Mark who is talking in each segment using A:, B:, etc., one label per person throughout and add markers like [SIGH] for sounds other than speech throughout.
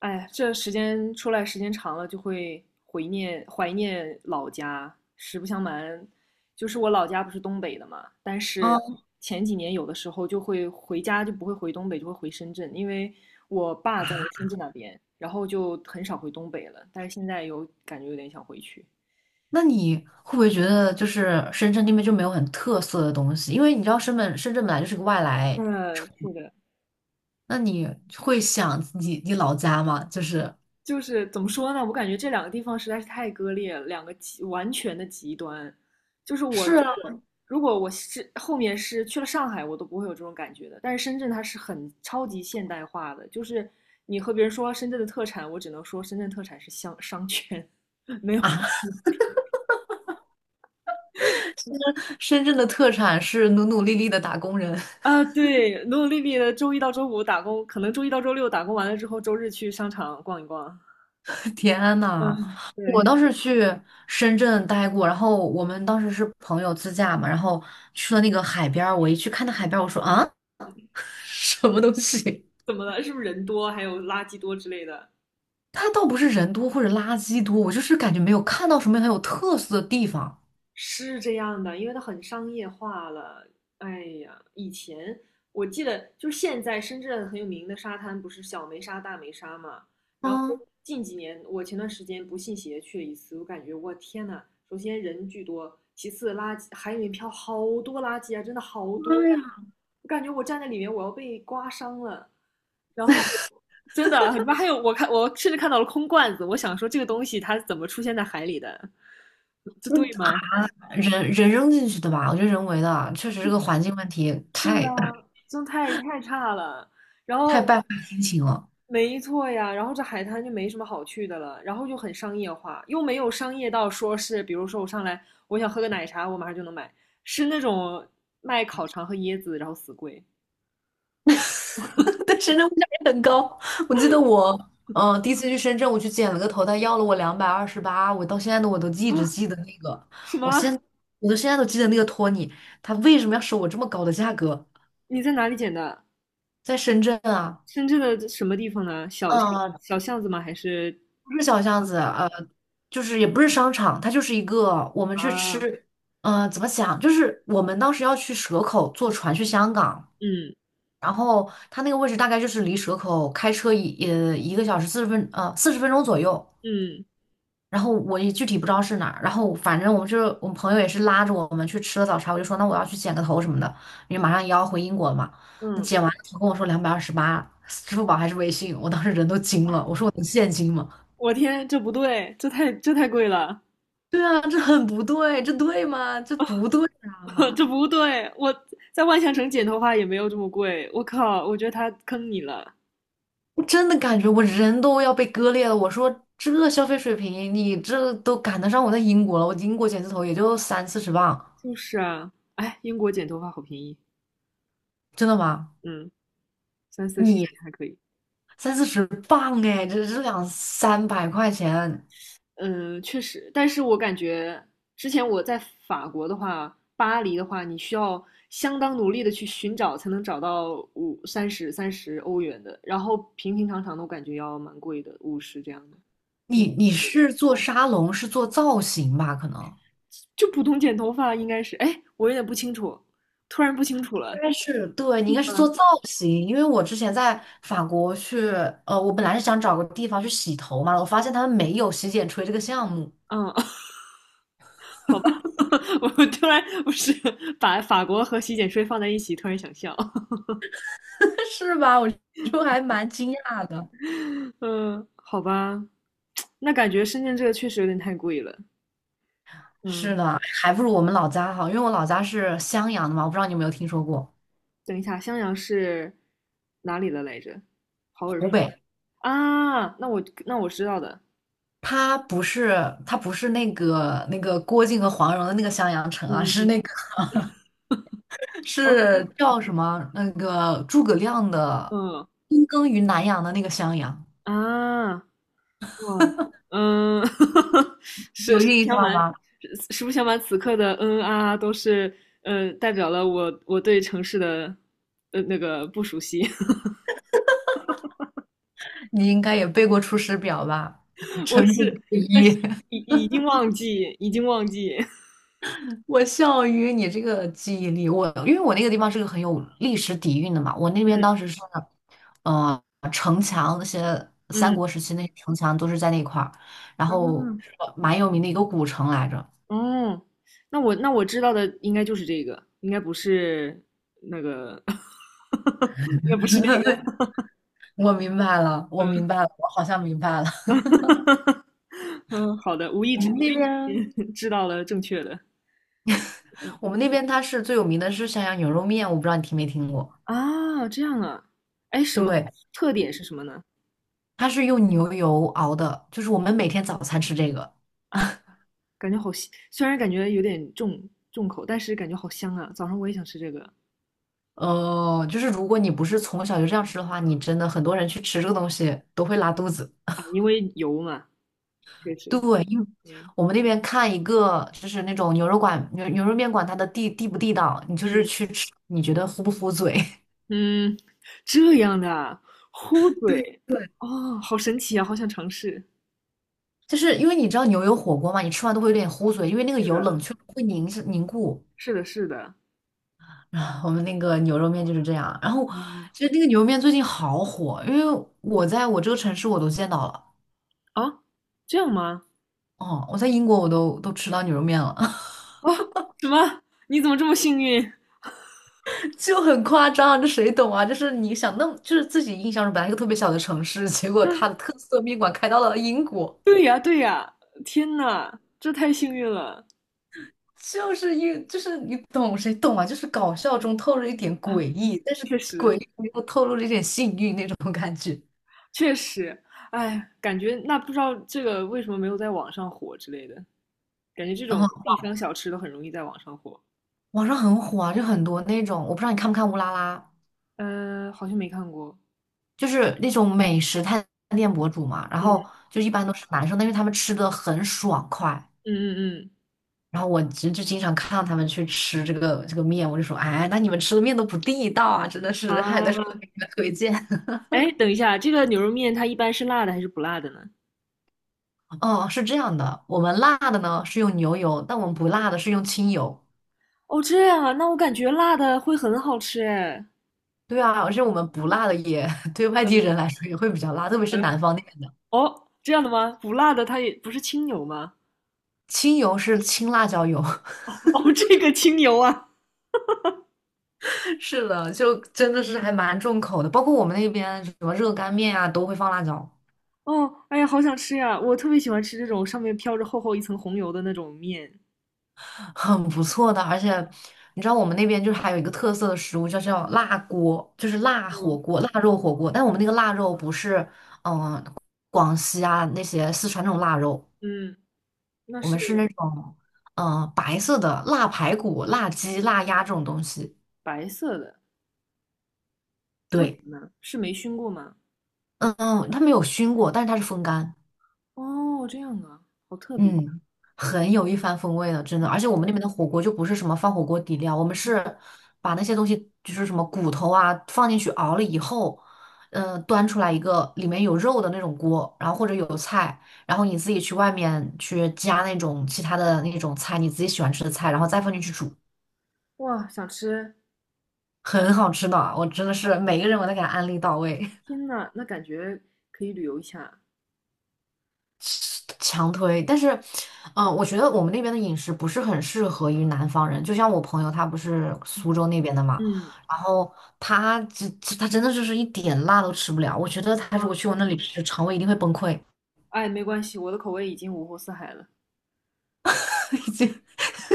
A: 哎，这时间出来时间长了，就会怀念老家。实不相瞒，就是我老家不是东北的嘛，但是
B: 嗯，
A: 前几年有的时候就会回家，就不会回东北，就会回深圳，因为我爸在深圳那边，然后就很少回东北了。但是现在有感觉有点想回去。
B: 那你会不会觉得就是深圳那边就没有很特色的东西？因为你知道深圳本来就是个外来，
A: 嗯，是的。
B: 那你会想你老家吗？就是
A: 就是怎么说呢？我感觉这两个地方实在是太割裂了，两个极完全的极端。就是我如
B: 是
A: 果如果我是后面是去了上海，我都不会有这种感觉的。但是深圳它是很超级现代化的，就是你和别人说深圳的特产，我只能说深圳特产是香商圈，[LAUGHS] 没有
B: 啊，
A: 什
B: [LAUGHS]
A: 么
B: 深圳的特产是努努力力的打工人。
A: 啊。对，努努力力的周一到周五打工，可能周一到周六打工完了之后，周日去商场逛一逛。
B: [LAUGHS] 天呐，
A: 嗯，
B: 我
A: 对，
B: 当时去深圳待过，然后我们当时是朋友自驾嘛，然后去了那个海边儿，我一去看那海边儿，我说啊，[LAUGHS] 什么东西？
A: 怎么了？是不是人多，还有垃圾多之类的？
B: 它倒不是人多或者垃圾多，我就是感觉没有看到什么很有特色的地方。
A: 是这样的，因为它很商业化了。哎呀，以前我记得，就是现在深圳很有名的沙滩不是小梅沙、大梅沙嘛？然后
B: 嗯，
A: 近几年，我前段时间不信邪去了一次，我感觉我天呐，首先人巨多，其次垃圾海里面漂好多垃圾啊，真的好多
B: 妈
A: 啊！
B: 呀！
A: 我感觉我站在里面，我要被刮伤了。然后 [LAUGHS] 真的，里面还有我看，我甚至看到了空罐子，我想说这个东西它怎么出现在海里的？[LAUGHS] 这对吗？
B: 人人扔进去的吧？我觉得人为的啊，确实这个环境问题太 [LAUGHS]
A: 真太差了。然
B: 太
A: 后，
B: 败坏心情了。
A: 没错呀，然后这海滩就没什么好去的了，然后就很商业化，又没有商业到说是，比如说我上来我想喝个奶茶，我马上就能买，是那种卖烤肠和椰子，然后死贵
B: [LAUGHS] 但深圳物价也很高。我记得我，第一次去深圳，我去剪了个头，他要了我两百二十八，我到现在我都一直
A: 啊？
B: 记得那个，
A: 什
B: 我现
A: 么？
B: 我都现在都记得那个托尼，他为什么要收我这么高的价格？
A: 你在哪里捡的？
B: 在深圳啊，
A: 深圳的什么地方呢？小巷
B: 嗯。
A: 小巷子吗？还是
B: 不是小巷子，就是也不是商场，它就是一个我们去
A: 啊？
B: 吃，呃，怎么讲？就是我们当时要去蛇口坐船去香港，
A: 嗯
B: 然后它那个位置大概就是离蛇口开车1个小时40分钟左右，
A: 嗯
B: 然后我也具体不知道是哪儿，然后反正我们朋友也是拉着我们去吃了早茶，我就说那我要去剪个头什么的，因为马上也要回英国了嘛。那
A: 嗯，
B: 剪完了头跟我说两百二十八，[LAUGHS] 支付宝还是微信，我当时人都惊了，我说我能现金吗？
A: 我天，这不对，这太贵了。
B: 对啊，这很不对，这对吗？这不对
A: [LAUGHS]
B: 啊！
A: 这不对，我在万象城剪头发也没有这么贵。我靠，我觉得他坑你了。
B: 我真的感觉我人都要被割裂了。我说这消费水平，你这都赶得上我在英国了。我英国剪字头也就三四十磅，
A: 就是啊，哎，英国剪头发好便宜，
B: 真的吗？
A: 嗯，30到40
B: 你
A: 还可以。
B: 三四十磅哎，这这2、300块钱，
A: 嗯，确实，但是我感觉之前我在法国的话，巴黎的话，你需要相当努力的去寻找，才能找到50、30、30欧元的，然后平平常常的，我感觉要蛮贵的，50这样的。
B: 你是做沙龙，是做造型吧？可能。
A: 就普通剪头发应该是，哎，我有点不清楚，突然不清楚了。
B: 应该是对，你应该是做造型，因为我之前在法国去，呃，我本来是想找个地方去洗头嘛，我发现他们没有洗剪吹这个项目，
A: 嗯，[LAUGHS] 好吧，[LAUGHS] 我突然不是把法国和洗剪吹放在一起，突然想笑。
B: [LAUGHS] 是吧？我就还蛮惊讶的。
A: [LAUGHS] 嗯，好吧，那感觉深圳这个确实有点太贵了。
B: 是
A: 嗯，
B: 的，还不如我们老家好，因为我老家是襄阳的嘛，我不知道你有没有听说过
A: 等一下，襄阳是哪里的来着？好耳熟
B: 湖北。
A: 啊！那我知道的。
B: 它不是，它不是那个郭靖和黄蓉的那个襄阳城啊，是
A: 嗯，
B: 那个 [LAUGHS]
A: 哦，
B: 是叫什么？那个诸葛亮的
A: 嗯
B: 躬耕于南阳的那个襄阳，
A: 啊，哇，嗯，[LAUGHS] 实
B: 有
A: 实不
B: 印
A: 相
B: 象
A: 瞒，
B: 吗？
A: 实不相瞒,此刻的嗯啊啊都是嗯，代表了我对城市的，呃，那个不熟悉。[LAUGHS]
B: 你应该也背过《出师表》吧？[LAUGHS]
A: 我
B: 臣本
A: 是，
B: 不
A: 但是
B: 一。
A: 已已经忘记，已经忘记。
B: 我笑于你这个记忆力，我因为我那个地方是个很有历史底蕴的嘛，我那边当时
A: [LAUGHS]
B: 是，呃，城墙那些三
A: 嗯
B: 国时期那些城墙都是在那块儿，然后
A: 嗯，
B: 是蛮有名的一个古城来着。
A: 啊，哦，那我知道的应该就是这个，应该不是那个，[LAUGHS] 应该不是那个。
B: 我明白了，我明
A: 嗯
B: 白了，我好像明白了。[LAUGHS]
A: [LAUGHS] 嗯，好的，无意
B: 我
A: 之
B: 们那边，
A: 无意之间 [LAUGHS] 知道了正确的。
B: 我们那边它是最有名的是襄阳牛肉面，我不知道你听没听过。
A: 啊，这样啊，哎，什么
B: 对，
A: 特点是什么呢？
B: 它是用牛油熬的，就是我们每天早餐吃这个。
A: 啊，感觉好香，虽然感觉有点重重口，但是感觉好香啊！早上我也想吃这个
B: 哦，就是如果你不是从小就这样吃的话，你真的很多人去吃这个东西都会拉肚子。
A: 啊，因为油嘛，确实，
B: 对，因为
A: 嗯
B: 我们那边看一个就是那种牛肉馆、牛肉面馆，它的地不地道，你就是
A: 嗯
B: 去吃，你觉得糊不糊嘴？[LAUGHS]
A: 嗯，这样的啊，糊嘴，
B: 对，
A: 哦，好神奇啊，好想尝试。
B: 就是因为你知道牛油火锅嘛，你吃完都会有点糊嘴，因为那个
A: 是
B: 油冷
A: 的，
B: 却了会凝固。
A: 是的，是的，
B: 啊，我们那个牛肉面就是这样。然后
A: 哦
B: 其实那个牛肉面最近好火，因为我在我这个城市我都见到了，
A: 啊，这样吗？
B: 哦，我在英国我都吃到牛肉面了。
A: 哦，什么？你怎么这么幸运？
B: 就很夸张啊，这谁懂啊？就是你想那么，就是自己印象中本来一个特别小的城市，结果它的
A: [LAUGHS]
B: 特色面馆开到了英国，
A: 对呀，对呀，天呐，这太幸运了
B: 就是英，就是你懂谁懂啊？就是搞笑中透露一点诡
A: 啊！
B: 异，但是
A: 确
B: 诡
A: 实，
B: 异又透露了一点幸运那种感觉。
A: 确实，哎，感觉那不知道这个为什么没有在网上火之类的，感觉这
B: 然
A: 种
B: 后
A: 地方小吃都很容易在网上火。
B: 网上很火啊，就很多那种，我不知道你看不看乌拉拉，
A: 呃，好像没看过。
B: 就是那种美食探店博主嘛。然后
A: 嗯
B: 就一般都是男生，但是他们吃的很爽快。
A: 嗯嗯嗯。
B: 然后我侄就经常看到他们去吃这个面，我就说，哎，那你们吃的面都不地道啊，真的是，还得是给
A: 啊，
B: 你们推荐。[LAUGHS]
A: 哎，等一下，这个牛肉面它一般是辣的还是不辣的呢？
B: 哦，是这样的，我们辣的呢是用牛油，但我们不辣的是用清油。
A: 哦，这样啊，那我感觉辣的会很好吃哎。
B: 对啊，而且我们不辣的也 [LAUGHS] 对外地人来说也会比较辣，特别是
A: 呃，
B: 南方那边的。
A: 哦，这样的吗？不辣的它也不是清油吗？
B: 清油是青辣椒油，[LAUGHS]
A: 哦，这个清油啊。
B: 是的，就真的是还蛮重口的。包括我们那边什么热干面啊，都会放辣椒。
A: 哦，哎呀，好想吃呀！我特别喜欢吃这种上面飘着厚厚一层红油的那种面。
B: 很不错的，而且你知道我们那边就是还有一个特色的食物，叫辣锅，就是辣火
A: 嗯
B: 锅、腊肉火锅。但我们那个腊肉不是广西啊那些四川那种腊肉，
A: 嗯，那
B: 我
A: 是
B: 们是那种白色的腊排骨、腊鸡、腊鸭这种东西。
A: 白色的，为
B: 对，
A: 什么呢？是没熏过吗？
B: 嗯，它没有熏过，但是它是风干。
A: 哦，这样啊，好特别
B: 嗯，很有一番风味的，真的。而且我们那边的火锅就不是什么放火锅底料，我们是把那些东西，就是什么骨头啊，放进去熬了以后，端出来一个里面有肉的那种锅，然后或者有菜，然后你自己去外面去加那种其他的那种菜，你自己喜欢吃的菜，然后再放进去煮，
A: 哇！想吃，
B: 很好吃的。我真的是每个人我都给他安利到位。
A: 天呐，那感觉可以旅游一下。
B: 强推，但是，我觉得我们那边的饮食不是很适合于南方人。就像我朋友，他不是苏州那边的嘛，
A: 嗯，
B: 然后他他真的就是一点辣都吃不了。我觉得他如果去我那里吃，肠胃一定会崩溃。
A: 哎，没关系，我的口味已经五湖四海了。
B: [LAUGHS] 已经，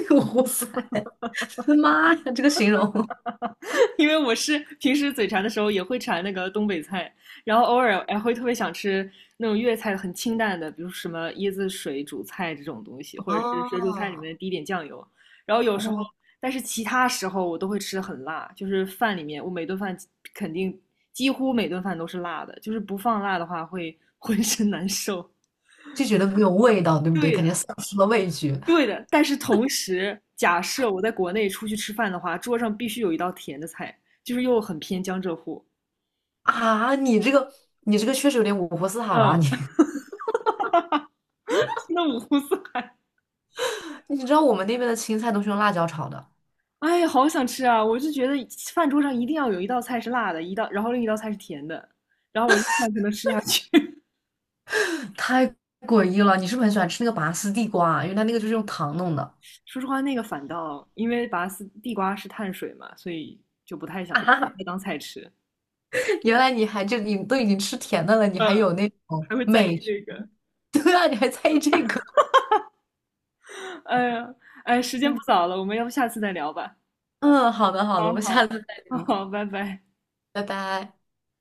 B: [LAUGHS] 哇塞，我的妈呀，这个形容
A: 因为我是平时嘴馋的时候也会馋那个东北菜，然后偶尔还会特别想吃那种粤菜很清淡的，比如什么椰子水煮菜这种东西，或者是水煮菜里
B: 啊，
A: 面滴一点酱油。然后有时候，
B: 哦，
A: 但是其他时候我都会吃很辣，就是饭里面我每顿饭肯定几乎每顿饭都是辣的，就是不放辣的话会浑身难受。
B: 就觉得没有味道，对不对？
A: 对
B: 感觉
A: 的，
B: 丧失了味觉
A: 对的。但是同时，假设我在国内出去吃饭的话，桌上必须有一道甜的菜，就是又很偏江浙沪。
B: 啊！你这个，你这个确实有点五湖四海了啊，你
A: 嗯，[LAUGHS] 那五湖四海。
B: [LAUGHS] 你知道我们那边的青菜都是用辣椒炒的。
A: 哎呀，好想吃啊！我就觉得饭桌上一定要有一道菜是辣的，一道，然后另一道菜是甜的，然后我这饭才能吃下去。
B: 太诡异了！你是不是很喜欢吃那个拔丝地瓜啊？为来那个就是用糖弄的
A: [LAUGHS] 说实话，那个反倒因为拔丝地瓜是碳水嘛，所以就不太想
B: 啊！
A: 那当菜吃。
B: [LAUGHS] 原来你还就你都已经吃甜的了，你还
A: 嗯，
B: 有那种
A: 还会在意
B: 美食
A: 这个。
B: [LAUGHS] 对啊，你还在意这个？
A: 哎呀，哎，时间不早了，我们要不下次再聊吧？
B: 嗯嗯，好的好的，
A: 好
B: 我们下
A: 好
B: 次再
A: [LAUGHS]
B: 聊，
A: 好，拜拜。
B: 拜拜。